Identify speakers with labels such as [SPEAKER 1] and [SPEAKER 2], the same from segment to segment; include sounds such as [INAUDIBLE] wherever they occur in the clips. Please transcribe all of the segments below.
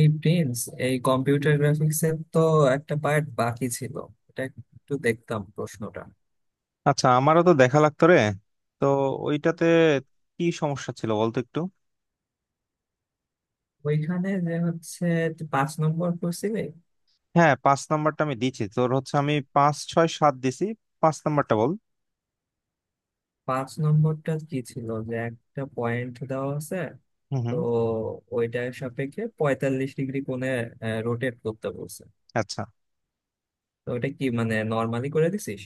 [SPEAKER 1] এই প্রিন্স, এই computer graphics এর তো একটা পার্ট বাকি ছিল, এটা একটু দেখতাম প্রশ্নটা।
[SPEAKER 2] আচ্ছা আমারও তো দেখা লাগতো রে, তো ওইটাতে কি সমস্যা ছিল বলতো একটু।
[SPEAKER 1] ওইখানে যে হচ্ছে তুই পাঁচ নম্বর করছিলি।
[SPEAKER 2] হ্যাঁ, পাঁচ নাম্বারটা আমি দিছি, তোর হচ্ছে আমি পাঁচ ছয় সাত দিছি। পাঁচ নাম্বারটা বল।
[SPEAKER 1] পাঁচ নম্বরটা কি ছিল যে একটা পয়েন্ট দেওয়া আছে,
[SPEAKER 2] হুম
[SPEAKER 1] তো
[SPEAKER 2] হুম।
[SPEAKER 1] ওইটার সাপেক্ষে 45 ডিগ্রি কোণে রোটেট করতে বলছে।
[SPEAKER 2] আচ্ছা,
[SPEAKER 1] তো ওটা কি মানে নর্মালি করে দিছিস?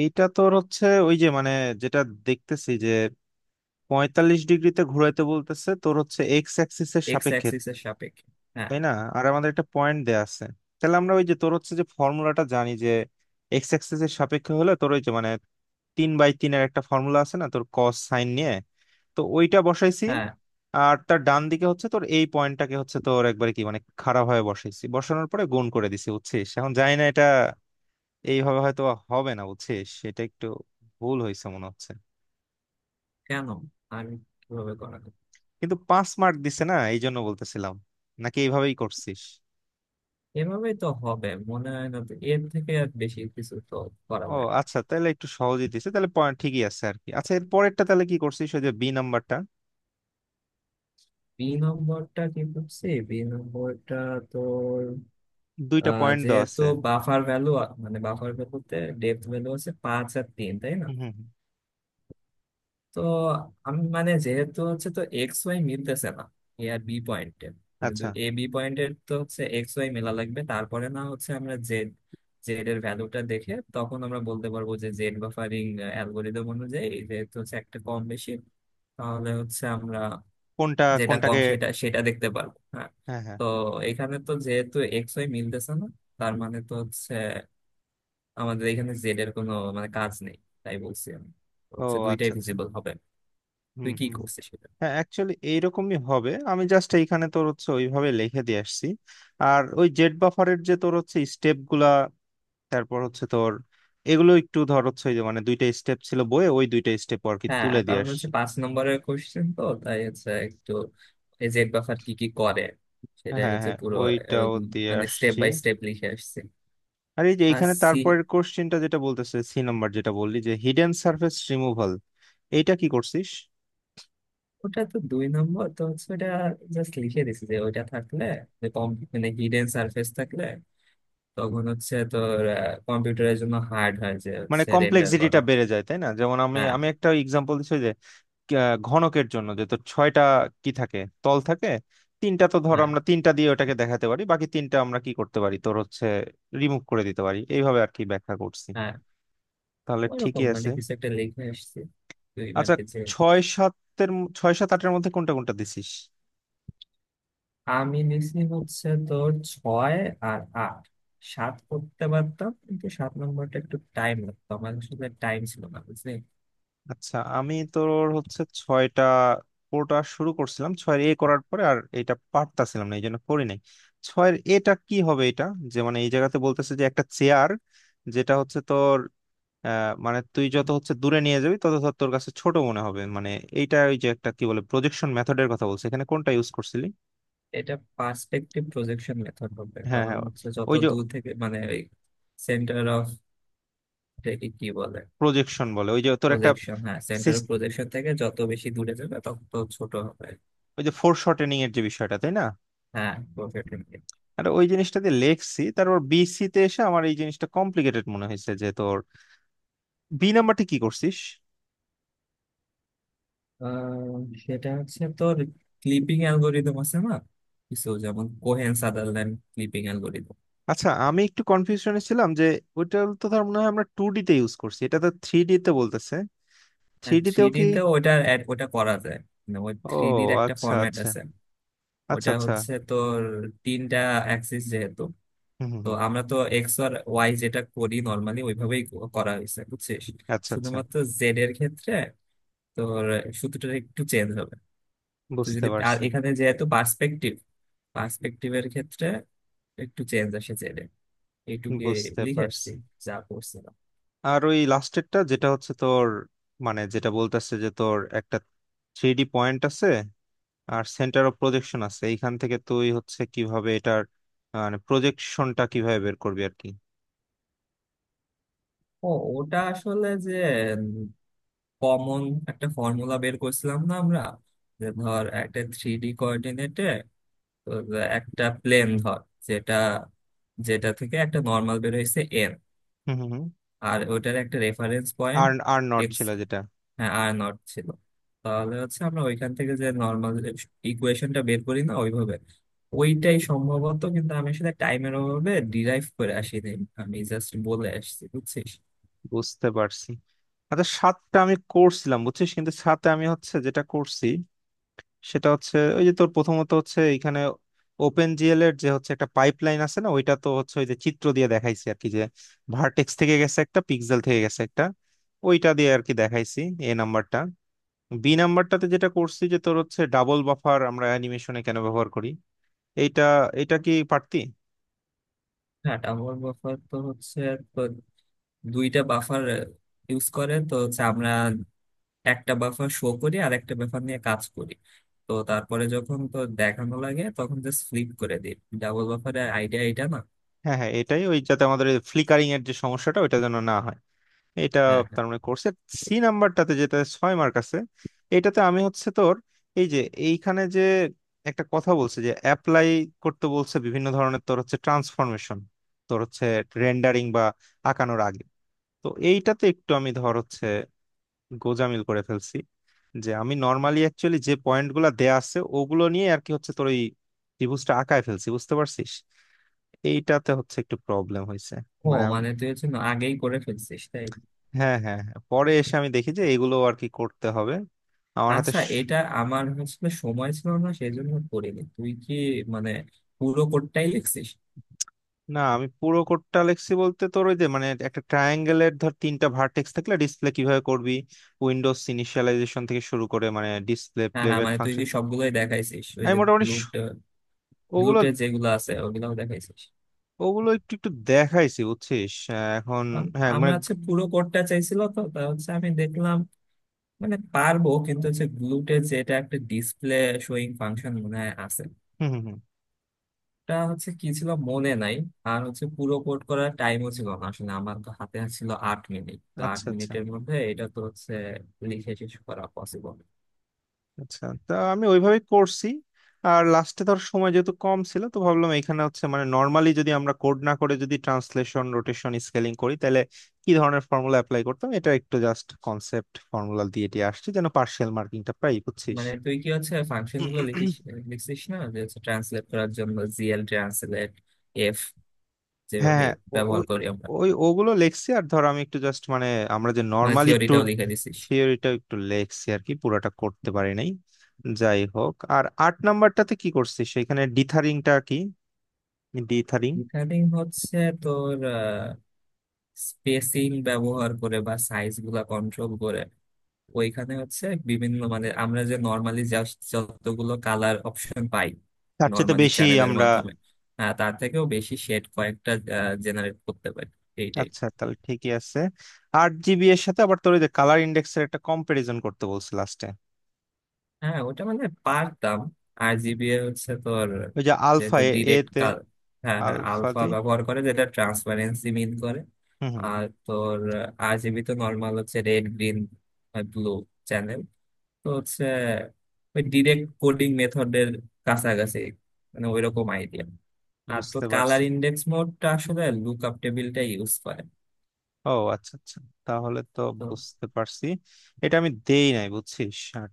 [SPEAKER 2] এইটা তোর হচ্ছে ওই যে মানে, যেটা দেখতেছি যে পঁয়তাল্লিশ ডিগ্রিতে ঘুরাইতে বলতেছে, তোর হচ্ছে এক্স অ্যাক্সিস এর
[SPEAKER 1] এক্স
[SPEAKER 2] সাপেক্ষে,
[SPEAKER 1] অ্যাক্সিস এর সাপেক্ষে, হ্যাঁ,
[SPEAKER 2] তাই না? আর আমাদের একটা পয়েন্ট দেয়া আছে। তাহলে আমরা ওই যে তোর হচ্ছে যে ফর্মুলাটা জানি, যে এক্স অ্যাক্সিস এর সাপেক্ষে হলে তোর ওই যে মানে 3 বাই 3-এর একটা ফর্মুলা আছে না, তোর কস সাইন নিয়ে, তো ওইটা বসাইছি।
[SPEAKER 1] হ্যাঁ।
[SPEAKER 2] আর তার ডান দিকে হচ্ছে তোর এই পয়েন্টটাকে হচ্ছে তোর একবারে কি মানে খারাপ ভাবে বসাইছি, বসানোর পরে গুণ করে দিছি, বুঝছিস? এখন জানি না এটা এইভাবে হয়তো হবে না, বুঝছিস, এটা একটু ভুল হয়েছে মনে হচ্ছে।
[SPEAKER 1] কেন? আমি কিভাবে করা যায়?
[SPEAKER 2] কিন্তু 5 মার্ক দিছে না, এই জন্য বলতেছিলাম, নাকি এইভাবেই করছিস?
[SPEAKER 1] এভাবেই তো হবে মনে হয়, না তো এর থেকে আর বেশি কিছু তো করা
[SPEAKER 2] ও
[SPEAKER 1] যায় না।
[SPEAKER 2] আচ্ছা, তাহলে একটু সহজেই দিছে তাহলে, পয়েন্ট ঠিকই আছে আর কি। আচ্ছা, এর পরেরটা তাহলে কি করছিস, ওই যে বি নাম্বারটা?
[SPEAKER 1] বি নম্বরটা কি করছি? বি নম্বরটা তোর
[SPEAKER 2] দুইটা পয়েন্ট দেওয়া
[SPEAKER 1] যেহেতু
[SPEAKER 2] আছে।
[SPEAKER 1] বাফার ভ্যালু, মানে বাফার ভ্যালুতে ডেপথ ভ্যালু হচ্ছে পাঁচ আর তিন, তাই না?
[SPEAKER 2] হুম হুম হুম।
[SPEAKER 1] তো আমি মানে যেহেতু হচ্ছে তো এক্স ওয়াই মিলতেছে না এ আর বি পয়েন্টে, মানে
[SPEAKER 2] আচ্ছা,
[SPEAKER 1] এ বি পয়েন্টের তো হচ্ছে এক্স ওয়াই মেলা লাগবে, তারপরে না হচ্ছে আমরা জেড, জেড এর ভ্যালুটা দেখে তখন আমরা বলতে পারবো যে জেড বাফারিং অ্যালগোরিদম অনুযায়ী যেহেতু হচ্ছে একটা কম বেশি, তাহলে হচ্ছে আমরা
[SPEAKER 2] কোনটা
[SPEAKER 1] যেটা কম
[SPEAKER 2] কোনটাকে?
[SPEAKER 1] সেটা সেটা দেখতে পারবো। হ্যাঁ।
[SPEAKER 2] হ্যাঁ হ্যাঁ।
[SPEAKER 1] তো এখানে তো যেহেতু এক্স ওয়াই মিলতেছে না, তার মানে তো হচ্ছে আমাদের এখানে জেড এর কোনো মানে কাজ নেই, তাই বলছি আমি। তো
[SPEAKER 2] ও
[SPEAKER 1] হচ্ছে দুইটাই
[SPEAKER 2] আচ্ছা আচ্ছা।
[SPEAKER 1] ভিজিবল হবে।
[SPEAKER 2] হুম
[SPEAKER 1] তুই কি
[SPEAKER 2] হুম।
[SPEAKER 1] করছিস সেটা?
[SPEAKER 2] হ্যাঁ, অ্যাকচুয়ালি এইরকমই হবে, আমি জাস্ট এইখানে তোর হচ্ছে ওইভাবে লিখে দিয়ে আসছি। আর ওই জেট বাফারের যে তোর হচ্ছে স্টেপ গুলা, তারপর হচ্ছে তোর এগুলো একটু ধর হচ্ছে ওই যে মানে দুইটা স্টেপ ছিল বইয়ে, ওই দুইটা স্টেপ আর কি
[SPEAKER 1] হ্যাঁ,
[SPEAKER 2] তুলে দিয়ে
[SPEAKER 1] কারণ হচ্ছে
[SPEAKER 2] আসছি।
[SPEAKER 1] পাঁচ নম্বরের কোশ্চেন তো, তাই হচ্ছে একটু এই জেড বাফার কি কি করে সেটাই
[SPEAKER 2] হ্যাঁ
[SPEAKER 1] হচ্ছে
[SPEAKER 2] হ্যাঁ,
[SPEAKER 1] পুরো। আহ,
[SPEAKER 2] ওইটাও দিয়ে
[SPEAKER 1] মানে স্টেপ
[SPEAKER 2] আসছি।
[SPEAKER 1] বাই স্টেপ লিখে আসছি।
[SPEAKER 2] আর এই যে
[SPEAKER 1] আর
[SPEAKER 2] এইখানে
[SPEAKER 1] সি,
[SPEAKER 2] তারপরের কোশ্চেনটা যেটা বলতেছে সি নাম্বার, যেটা বললি যে হিডেন সারফেস রিমুভাল, এইটা কি করছিস?
[SPEAKER 1] ওটা তো দুই নম্বর, তো হচ্ছে ওটা জাস্ট লিখে দিছি যে ওইটা থাকলে কম, মানে হিডেন সারফেস থাকলে তখন হচ্ছে তোর কম্পিউটারের জন্য হার্ড হয় যে
[SPEAKER 2] মানে
[SPEAKER 1] হচ্ছে রেন্ডার করা।
[SPEAKER 2] কমপ্লেক্সিটিটা বেড়ে যায়, তাই না? যেমন আমি
[SPEAKER 1] হ্যাঁ,
[SPEAKER 2] আমি একটা এক্সাম্পল দিচ্ছি। ঘনকের জন্য যে তো ছয়টা কি থাকে, তল থাকে তিনটা। তো ধর
[SPEAKER 1] হ্যাঁ,
[SPEAKER 2] আমরা তিনটা দিয়ে ওটাকে দেখাতে পারি, বাকি তিনটা আমরা কি করতে পারি, তোর হচ্ছে রিমুভ করে দিতে পারি, এইভাবে আর কি ব্যাখ্যা করছি।
[SPEAKER 1] হ্যাঁ।
[SPEAKER 2] তাহলে ঠিকই
[SPEAKER 1] ওইরকম
[SPEAKER 2] আছে।
[SPEAKER 1] মানে কিছু একটা লিখে আসছি দুই
[SPEAKER 2] আচ্ছা,
[SPEAKER 1] মার্কের যে।
[SPEAKER 2] ছয় সাত আটের মধ্যে কোনটা কোনটা দিছিস?
[SPEAKER 1] আমি নিছি হচ্ছে তোর ছয় আর আট, সাত করতে পারতাম কিন্তু সাত নম্বরটা একটু টাইম লাগতো, আমার আসলে টাইম ছিল না বুঝলি।
[SPEAKER 2] আচ্ছা আমি তোর হচ্ছে ছয়টা কোটা শুরু করছিলাম, ছয়ের এ করার পরে আর এটা পারতাছিলাম না, এই জন্য করি নাই। ছয়ের এটা কি হবে, এটা? যে মানে এই জায়গাতে বলতেছে যে একটা চেয়ার, যেটা হচ্ছে তোর, মানে তুই যত হচ্ছে দূরে নিয়ে যাবি তত ধর তোর কাছে ছোট মনে হবে, মানে এইটা ওই যে একটা কি বলে প্রজেকশন মেথডের কথা বলছে, এখানে কোনটা ইউজ করছিলি?
[SPEAKER 1] এটা পার্সপেক্টিভ প্রজেকশন মেথড হবে,
[SPEAKER 2] হ্যাঁ
[SPEAKER 1] কারণ
[SPEAKER 2] হ্যাঁ,
[SPEAKER 1] হচ্ছে যত
[SPEAKER 2] ওই যে
[SPEAKER 1] দূর থেকে মানে ওই সেন্টার অফ কি বলে
[SPEAKER 2] প্রজেকশন বলে ওই যে তোর একটা,
[SPEAKER 1] প্রজেকশন, হ্যাঁ সেন্টার অফ
[SPEAKER 2] সিস-
[SPEAKER 1] প্রজেকশন থেকে যত বেশি দূরে যাবে তত ছোট হবে।
[SPEAKER 2] ওই যে ফোর শর্টেনিং এর যে বিষয়টা, তাই না?
[SPEAKER 1] হ্যাঁ প্রোফেটিং।
[SPEAKER 2] আর ওই জিনিসটা দিয়ে লেখছি। তারপর বিসি তে এসে আমার এই জিনিসটা কমপ্লিকেটেড মনে হয়েছে, যে তোর বি নাম্বারটি কি করছিস?
[SPEAKER 1] সেটা হচ্ছে তোর ক্লিপিং অ্যালগোরিদম আছে না কিছু, যেমন কোহেন সাদারল্যান্ড ক্লিপিং অ্যালগোরিদম।
[SPEAKER 2] আচ্ছা আমি একটু কনফিউশনে ছিলাম যে ওইটা তো ধর মনে হয় আমরা টু ডি তে ইউজ করছি, এটা তো থ্রি ডি তে বলতেছে। থ্রি
[SPEAKER 1] হ্যাঁ,
[SPEAKER 2] ডি
[SPEAKER 1] থ্রি
[SPEAKER 2] তেও
[SPEAKER 1] ডি
[SPEAKER 2] কি?
[SPEAKER 1] তে ওটা ওটা করা যায়। মানে ওই
[SPEAKER 2] ও
[SPEAKER 1] থ্রি ডির একটা
[SPEAKER 2] আচ্ছা
[SPEAKER 1] ফরম্যাট
[SPEAKER 2] আচ্ছা।
[SPEAKER 1] আছে।
[SPEAKER 2] আচ্ছা
[SPEAKER 1] ওটা
[SPEAKER 2] আচ্ছা।
[SPEAKER 1] হচ্ছে তোর তিনটা অ্যাক্সিস যেহেতু,
[SPEAKER 2] হুম হুম
[SPEAKER 1] তো
[SPEAKER 2] হুম।
[SPEAKER 1] আমরা তো এক্স আর ওয়াই যেটা করি নর্মালি ওইভাবেই করা হয়েছে বুঝছিস।
[SPEAKER 2] আচ্ছা আচ্ছা।
[SPEAKER 1] শুধুমাত্র জেড এর ক্ষেত্রে তোর সূত্রটা একটু চেঞ্জ হবে। তো
[SPEAKER 2] বুঝতে
[SPEAKER 1] যদি আর
[SPEAKER 2] পারছি।
[SPEAKER 1] এখানে যেহেতু পার্সপেক্টিভ, পার্সপেক্টিভের ক্ষেত্রে একটু চেঞ্জ আসে জেড এইটুকে,
[SPEAKER 2] বুঝতে
[SPEAKER 1] লিখে আসছি
[SPEAKER 2] পারছি।
[SPEAKER 1] যা করছিলাম।
[SPEAKER 2] আর ওই লাস্টেরটা যেটা হচ্ছে তোর, মানে যেটা বলতেছে যে তোর একটা থ্রি ডি পয়েন্ট আছে আর সেন্টার অফ প্রজেকশন আছে, এইখান থেকে তুই হচ্ছে কিভাবে এটার, মানে প্রজেকশনটা কিভাবে বের করবি আর কি?
[SPEAKER 1] ও, ওটা আসলে যে কমন একটা ফর্মুলা বের করছিলাম না আমরা, যে ধর একটা থ্রি ডি কোঅর্ডিনেটে একটা প্লেন ধর, যেটা যেটা থেকে একটা নর্মাল বের হয়েছে এন,
[SPEAKER 2] হুম হুম হুম।
[SPEAKER 1] আর ওটার একটা রেফারেন্স পয়েন্ট
[SPEAKER 2] আর আর নট
[SPEAKER 1] এক্স,
[SPEAKER 2] ছিল, যেটা।
[SPEAKER 1] হ্যাঁ আর নট ছিল, তাহলে হচ্ছে আমরা ওইখান থেকে যে নর্মাল ইকুয়েশনটা বের করি না ওইভাবে, ওইটাই সম্ভবত কিন্তু আমি আসলে টাইমের অভাবে ডিরাইভ করে আসিনি, আমি জাস্ট বলে আসছি বুঝছিস।
[SPEAKER 2] বুঝতে পারছি। আচ্ছা, সাতটা আমি করছিলাম বুঝছিস, কিন্তু সাথে আমি হচ্ছে যেটা করছি সেটা হচ্ছে ওই যে তোর প্রথমত হচ্ছে এখানে ওপেন জিএল এর যে হচ্ছে একটা পাইপলাইন আছে না, ওইটা তো হচ্ছে ওই যে চিত্র দিয়ে দেখাইছি আর কি, যে ভার্টেক্স থেকে গেছে একটা, পিক্সেল থেকে গেছে একটা, ওইটা দিয়ে আর কি দেখাইছি, এ নাম্বারটা। বি নাম্বারটাতে যেটা করছি যে তোর হচ্ছে ডাবল বাফার আমরা অ্যানিমেশনে কেন ব্যবহার করি, এইটা, এটা কি পারতি?
[SPEAKER 1] হ্যাঁ টাম্বল বাফার তো হচ্ছে, তো দুইটা বাফার ইউজ করে তো হচ্ছে আমরা, একটা বাফার শো করি আর একটা বাফার নিয়ে কাজ করি, তো তারপরে যখন তো দেখানো লাগে তখন জাস্ট ফ্লিপ করে দিই। ডাবল বাফারের আইডিয়া এটা না?
[SPEAKER 2] হ্যাঁ হ্যাঁ, এটাই, ওই যাতে আমাদের ফ্লিকারিং এর যে সমস্যাটা ওইটা যেন না হয়, এটা।
[SPEAKER 1] হ্যাঁ, হ্যাঁ।
[SPEAKER 2] তার মানে কোর্সে সি নাম্বারটাতে যেটা 6 মার্ক আছে, এটাতে আমি হচ্ছে তোর এই যে এইখানে যে একটা কথা বলছে যে অ্যাপ্লাই করতে বলছে বিভিন্ন ধরনের তোর হচ্ছে ট্রান্সফরমেশন, তোর হচ্ছে রেন্ডারিং বা আঁকানোর আগে, তো এইটাতে একটু আমি ধর হচ্ছে গোজামিল করে ফেলছি, যে আমি নর্মালি অ্যাকচুয়ালি যে পয়েন্টগুলো দেয়া আছে ওগুলো নিয়ে আর কি হচ্ছে তোর ওই ত্রিভুজটা আঁকায় ফেলছি, বুঝতে পারছিস, এইটাতে হচ্ছে একটু প্রবলেম হয়েছে।
[SPEAKER 1] ও,
[SPEAKER 2] মানে
[SPEAKER 1] মানে তুই হচ্ছে না আগেই করে ফেলছিস তাই।
[SPEAKER 2] হ্যাঁ হ্যাঁ হ্যাঁ। পরে এসে আমি দেখি যে এগুলো আর কি করতে হবে, আমার হাতে
[SPEAKER 1] আচ্ছা এটা আমার আসলে সময় ছিল না সেই জন্য করিনি, তুই কি মানে পুরো কোডটাই লিখছিস?
[SPEAKER 2] না, আমি পুরো কোডটা লিখছি বলতে তোর ওই যে মানে একটা ট্রায়াঙ্গেলের ধর তিনটা ভার্টেক্স থাকলে ডিসপ্লে কিভাবে করবি, উইন্ডোজ ইনিশিয়ালাইজেশন থেকে শুরু করে মানে ডিসপ্লে
[SPEAKER 1] হ্যাঁ, হ্যাঁ,
[SPEAKER 2] প্লেব্যাক
[SPEAKER 1] মানে তুই
[SPEAKER 2] ফাংশন।
[SPEAKER 1] কি সবগুলোই দেখাইছিস ওই
[SPEAKER 2] আমি
[SPEAKER 1] যে
[SPEAKER 2] মোটামুটি
[SPEAKER 1] গ্লুট,
[SPEAKER 2] স- ওগুলো
[SPEAKER 1] গ্লুটে যেগুলো আছে ওগুলাও দেখাইছিস?
[SPEAKER 2] ওগুলো একটু একটু দেখাইছি বুঝছিস এখন। হ্যাঁ
[SPEAKER 1] আমি
[SPEAKER 2] মানে।
[SPEAKER 1] হচ্ছে পুরো কোডটা চাইছিল, তো তা হচ্ছে আমি দেখলাম মানে পারবো কিন্তু হচ্ছে গ্লুটে যেটা একটা ডিসপ্লে শোয়িং ফাংশন মনে হয় আছে,
[SPEAKER 2] হুম হুম হুম।
[SPEAKER 1] এটা হচ্ছে কি ছিল মনে নাই। আর হচ্ছে পুরো কোড করার টাইমও ছিল না আসলে, আমার তো হাতে ছিল 8 মিনিট, তো আট
[SPEAKER 2] আচ্ছা আচ্ছা।
[SPEAKER 1] মিনিটের মধ্যে এটা তো হচ্ছে লিখে শেষ করা পসিবল।
[SPEAKER 2] আচ্ছা, তা আমি ওইভাবেই করছি। আর লাস্টে ধর সময় যেহেতু কম ছিল, তো ভাবলাম এখানে হচ্ছে মানে নর্মালি যদি আমরা কোড না করে যদি ট্রান্সলেশন রোটেশন স্কেলিং করি, তাহলে কি ধরনের ফর্মুলা অ্যাপ্লাই করতাম, এটা একটু জাস্ট কনসেপ্ট ফর্মুলা দিয়ে দিয়ে আসছি, যেন পার্শিয়াল মার্কিংটা পাই, বুঝছিস।
[SPEAKER 1] মানে তুই কি হচ্ছে ফাংশন গুলো লিখিস,
[SPEAKER 2] [CLEARS THROAT]
[SPEAKER 1] লিখছিস না যে হচ্ছে ট্রান্সলেট করার জন্য জিএল ট্রান্সলেট এফ
[SPEAKER 2] হ্যাঁ
[SPEAKER 1] যেভাবে
[SPEAKER 2] হ্যাঁ।
[SPEAKER 1] ব্যবহার
[SPEAKER 2] ওই
[SPEAKER 1] করি আমরা?
[SPEAKER 2] ওই ওগুলো লেখছি। আর ধর আমি একটু জাস্ট মানে আমরা যে
[SPEAKER 1] মানে
[SPEAKER 2] নর্মালি ট্যুর,
[SPEAKER 1] থিওরিটাও লিখে দিছিস।
[SPEAKER 2] থিওরিটা একটু লেখছি আর কি, পুরোটা করতে পারি নাই। যাই হোক, আর আট নাম্বারটাতে কি করছিস, সেখানে ডিথারিংটা কি, ডিথারিং?
[SPEAKER 1] রিগার্ডিং হচ্ছে তোর স্পেসিং ব্যবহার করে বা সাইজ গুলা কন্ট্রোল করে, ওইখানে হচ্ছে বিভিন্ন মানে আমরা যে নর্মালি যতগুলো কালার অপশন পাই
[SPEAKER 2] তার চেয়ে তো
[SPEAKER 1] নর্মালি
[SPEAKER 2] বেশি
[SPEAKER 1] চ্যানেলের
[SPEAKER 2] আমরা।
[SPEAKER 1] মাধ্যমে, তার থেকেও বেশি শেড কয়েকটা জেনারেট করতে পারি এইটাই।
[SPEAKER 2] আচ্ছা, তাহলে ঠিকই আছে। 8 জিবি এর সাথে আবার তোর ওই যে কালার ইন্ডেক্সের একটা কম্পারিজন করতে বলছে লাস্টে,
[SPEAKER 1] হ্যাঁ ওটা মানে পারতাম, আর জিবিএ হচ্ছে তোর
[SPEAKER 2] ওই যে আলফা,
[SPEAKER 1] যেহেতু
[SPEAKER 2] এ এ
[SPEAKER 1] ডিরেক্ট
[SPEAKER 2] তে
[SPEAKER 1] কাল, হ্যাঁ, হ্যাঁ
[SPEAKER 2] আলফা,
[SPEAKER 1] আলফা ব্যবহার করে যেটা ট্রান্সপারেন্সি মিন করে।
[SPEAKER 2] হুম হুম।
[SPEAKER 1] আর তোর আরজিবি তো নর্মাল হচ্ছে রেড গ্রিন ব্লু চ্যানেল, তো হচ্ছে ওই ডিরেক্ট কোডিং মেথডের কাছাকাছি, মানে ওইরকম আইডিয়া। আর তো
[SPEAKER 2] বুঝতে
[SPEAKER 1] কালার
[SPEAKER 2] পারছি।
[SPEAKER 1] ইন্ডেক্স মোডটা আসলে লুকআপ টেবিলটা ইউজ করে।
[SPEAKER 2] ও আচ্ছা আচ্ছা। তাহলে তো বুঝতে পারছি। এটা আমি দেই নাই বুঝছিস।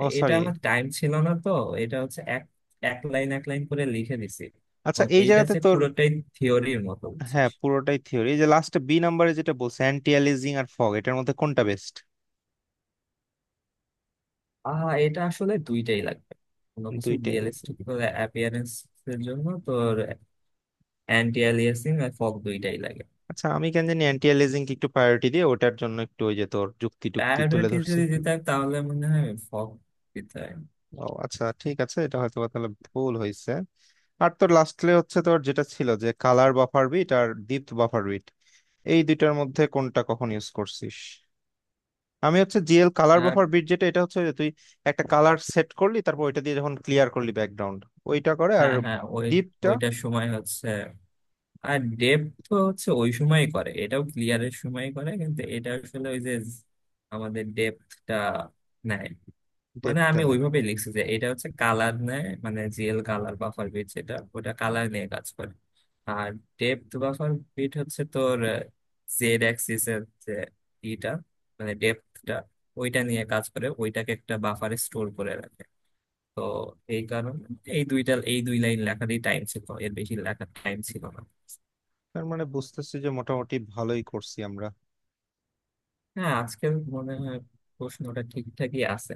[SPEAKER 2] ও
[SPEAKER 1] এটা
[SPEAKER 2] সরি।
[SPEAKER 1] আমার টাইম ছিল না তো, এটা হচ্ছে এক এক লাইন এক লাইন করে লিখে দিছি,
[SPEAKER 2] আচ্ছা,
[SPEAKER 1] এবং
[SPEAKER 2] এই
[SPEAKER 1] এইটা
[SPEAKER 2] জায়গাতে
[SPEAKER 1] হচ্ছে
[SPEAKER 2] তোর,
[SPEAKER 1] পুরোটাই থিওরির মতো
[SPEAKER 2] হ্যাঁ
[SPEAKER 1] বুঝছিস।
[SPEAKER 2] পুরোটাই থিওরি। এই যে লাস্টে বি নাম্বারে যেটা বলছে অ্যান্টি অ্যালিজিং আর ফগ, এটার মধ্যে কোনটা বেস্ট?
[SPEAKER 1] এটা আসলে দুইটাই লাগবে, কোনো কিছু
[SPEAKER 2] দুইটাই লাগে।
[SPEAKER 1] রিয়েলিস্টিক অ্যাপিয়ারেন্স এর জন্য তোর অ্যান্টি অ্যালিয়াসিং আর ফগ দুইটাই লাগে।
[SPEAKER 2] আচ্ছা আমি কেন জানি অ্যান্টি এলিজিং কে একটু প্রায়োরিটি দিয়ে ওটার জন্য একটু ওই যে তোর যুক্তি টুক্তি তুলে
[SPEAKER 1] প্রায়োরিটি
[SPEAKER 2] ধরছি।
[SPEAKER 1] যদি দিতে হয় তাহলে মনে হয় ফগ দিতে হয়।
[SPEAKER 2] ও আচ্ছা, ঠিক আছে, এটা হয়তো বা তাহলে ভুল হয়েছে। আর তোর লাস্টলি হচ্ছে তোর যেটা ছিল যে কালার বাফার বিট আর ডিপথ বাফার বিট, এই দুইটার মধ্যে কোনটা কখন ইউজ করছিস? আমি হচ্ছে জিএল কালার
[SPEAKER 1] আর
[SPEAKER 2] বাফার বিট যেটা, এটা হচ্ছে যে তুই একটা কালার সেট করলি, তারপর ওইটা দিয়ে যখন ক্লিয়ার করলি ব্যাকগ্রাউন্ড, ওইটা করে। আর
[SPEAKER 1] হ্যাঁ, হ্যাঁ,
[SPEAKER 2] ডিপটা,
[SPEAKER 1] ওইটার সময় হচ্ছে, আর ডেপ তো হচ্ছে ওই সময়ই করে, এটাও ক্লিয়ারের সময় করে কিন্তু এটা আসলে ওই যে আমাদের ডেপথটা নেয়। মানে
[SPEAKER 2] ডেপটা
[SPEAKER 1] আমি
[SPEAKER 2] নেয়।
[SPEAKER 1] ওইভাবে লিখছি যে এটা হচ্ছে কালার নেয়, মানে জিএল কালার বাফার বিট যেটা ওটা কালার নিয়ে কাজ করে, আর ডেপথ বাফার বিট হচ্ছে তোর জেড অ্যাক্সিস এর যে ইটা, মানে ডেপথটা ওইটা নিয়ে কাজ করে, ওইটাকে একটা বাফারে স্টোর করে রাখে। তো এই কারণে এই দুই লাইন লেখারই টাইম ছিল, এর বেশি লেখার টাইম ছিল না।
[SPEAKER 2] তার মানে বুঝতেছি যে মোটামুটি ভালোই করছি আমরা।
[SPEAKER 1] হ্যাঁ আজকের মনে হয় প্রশ্নটা ঠিকঠাকই আছে।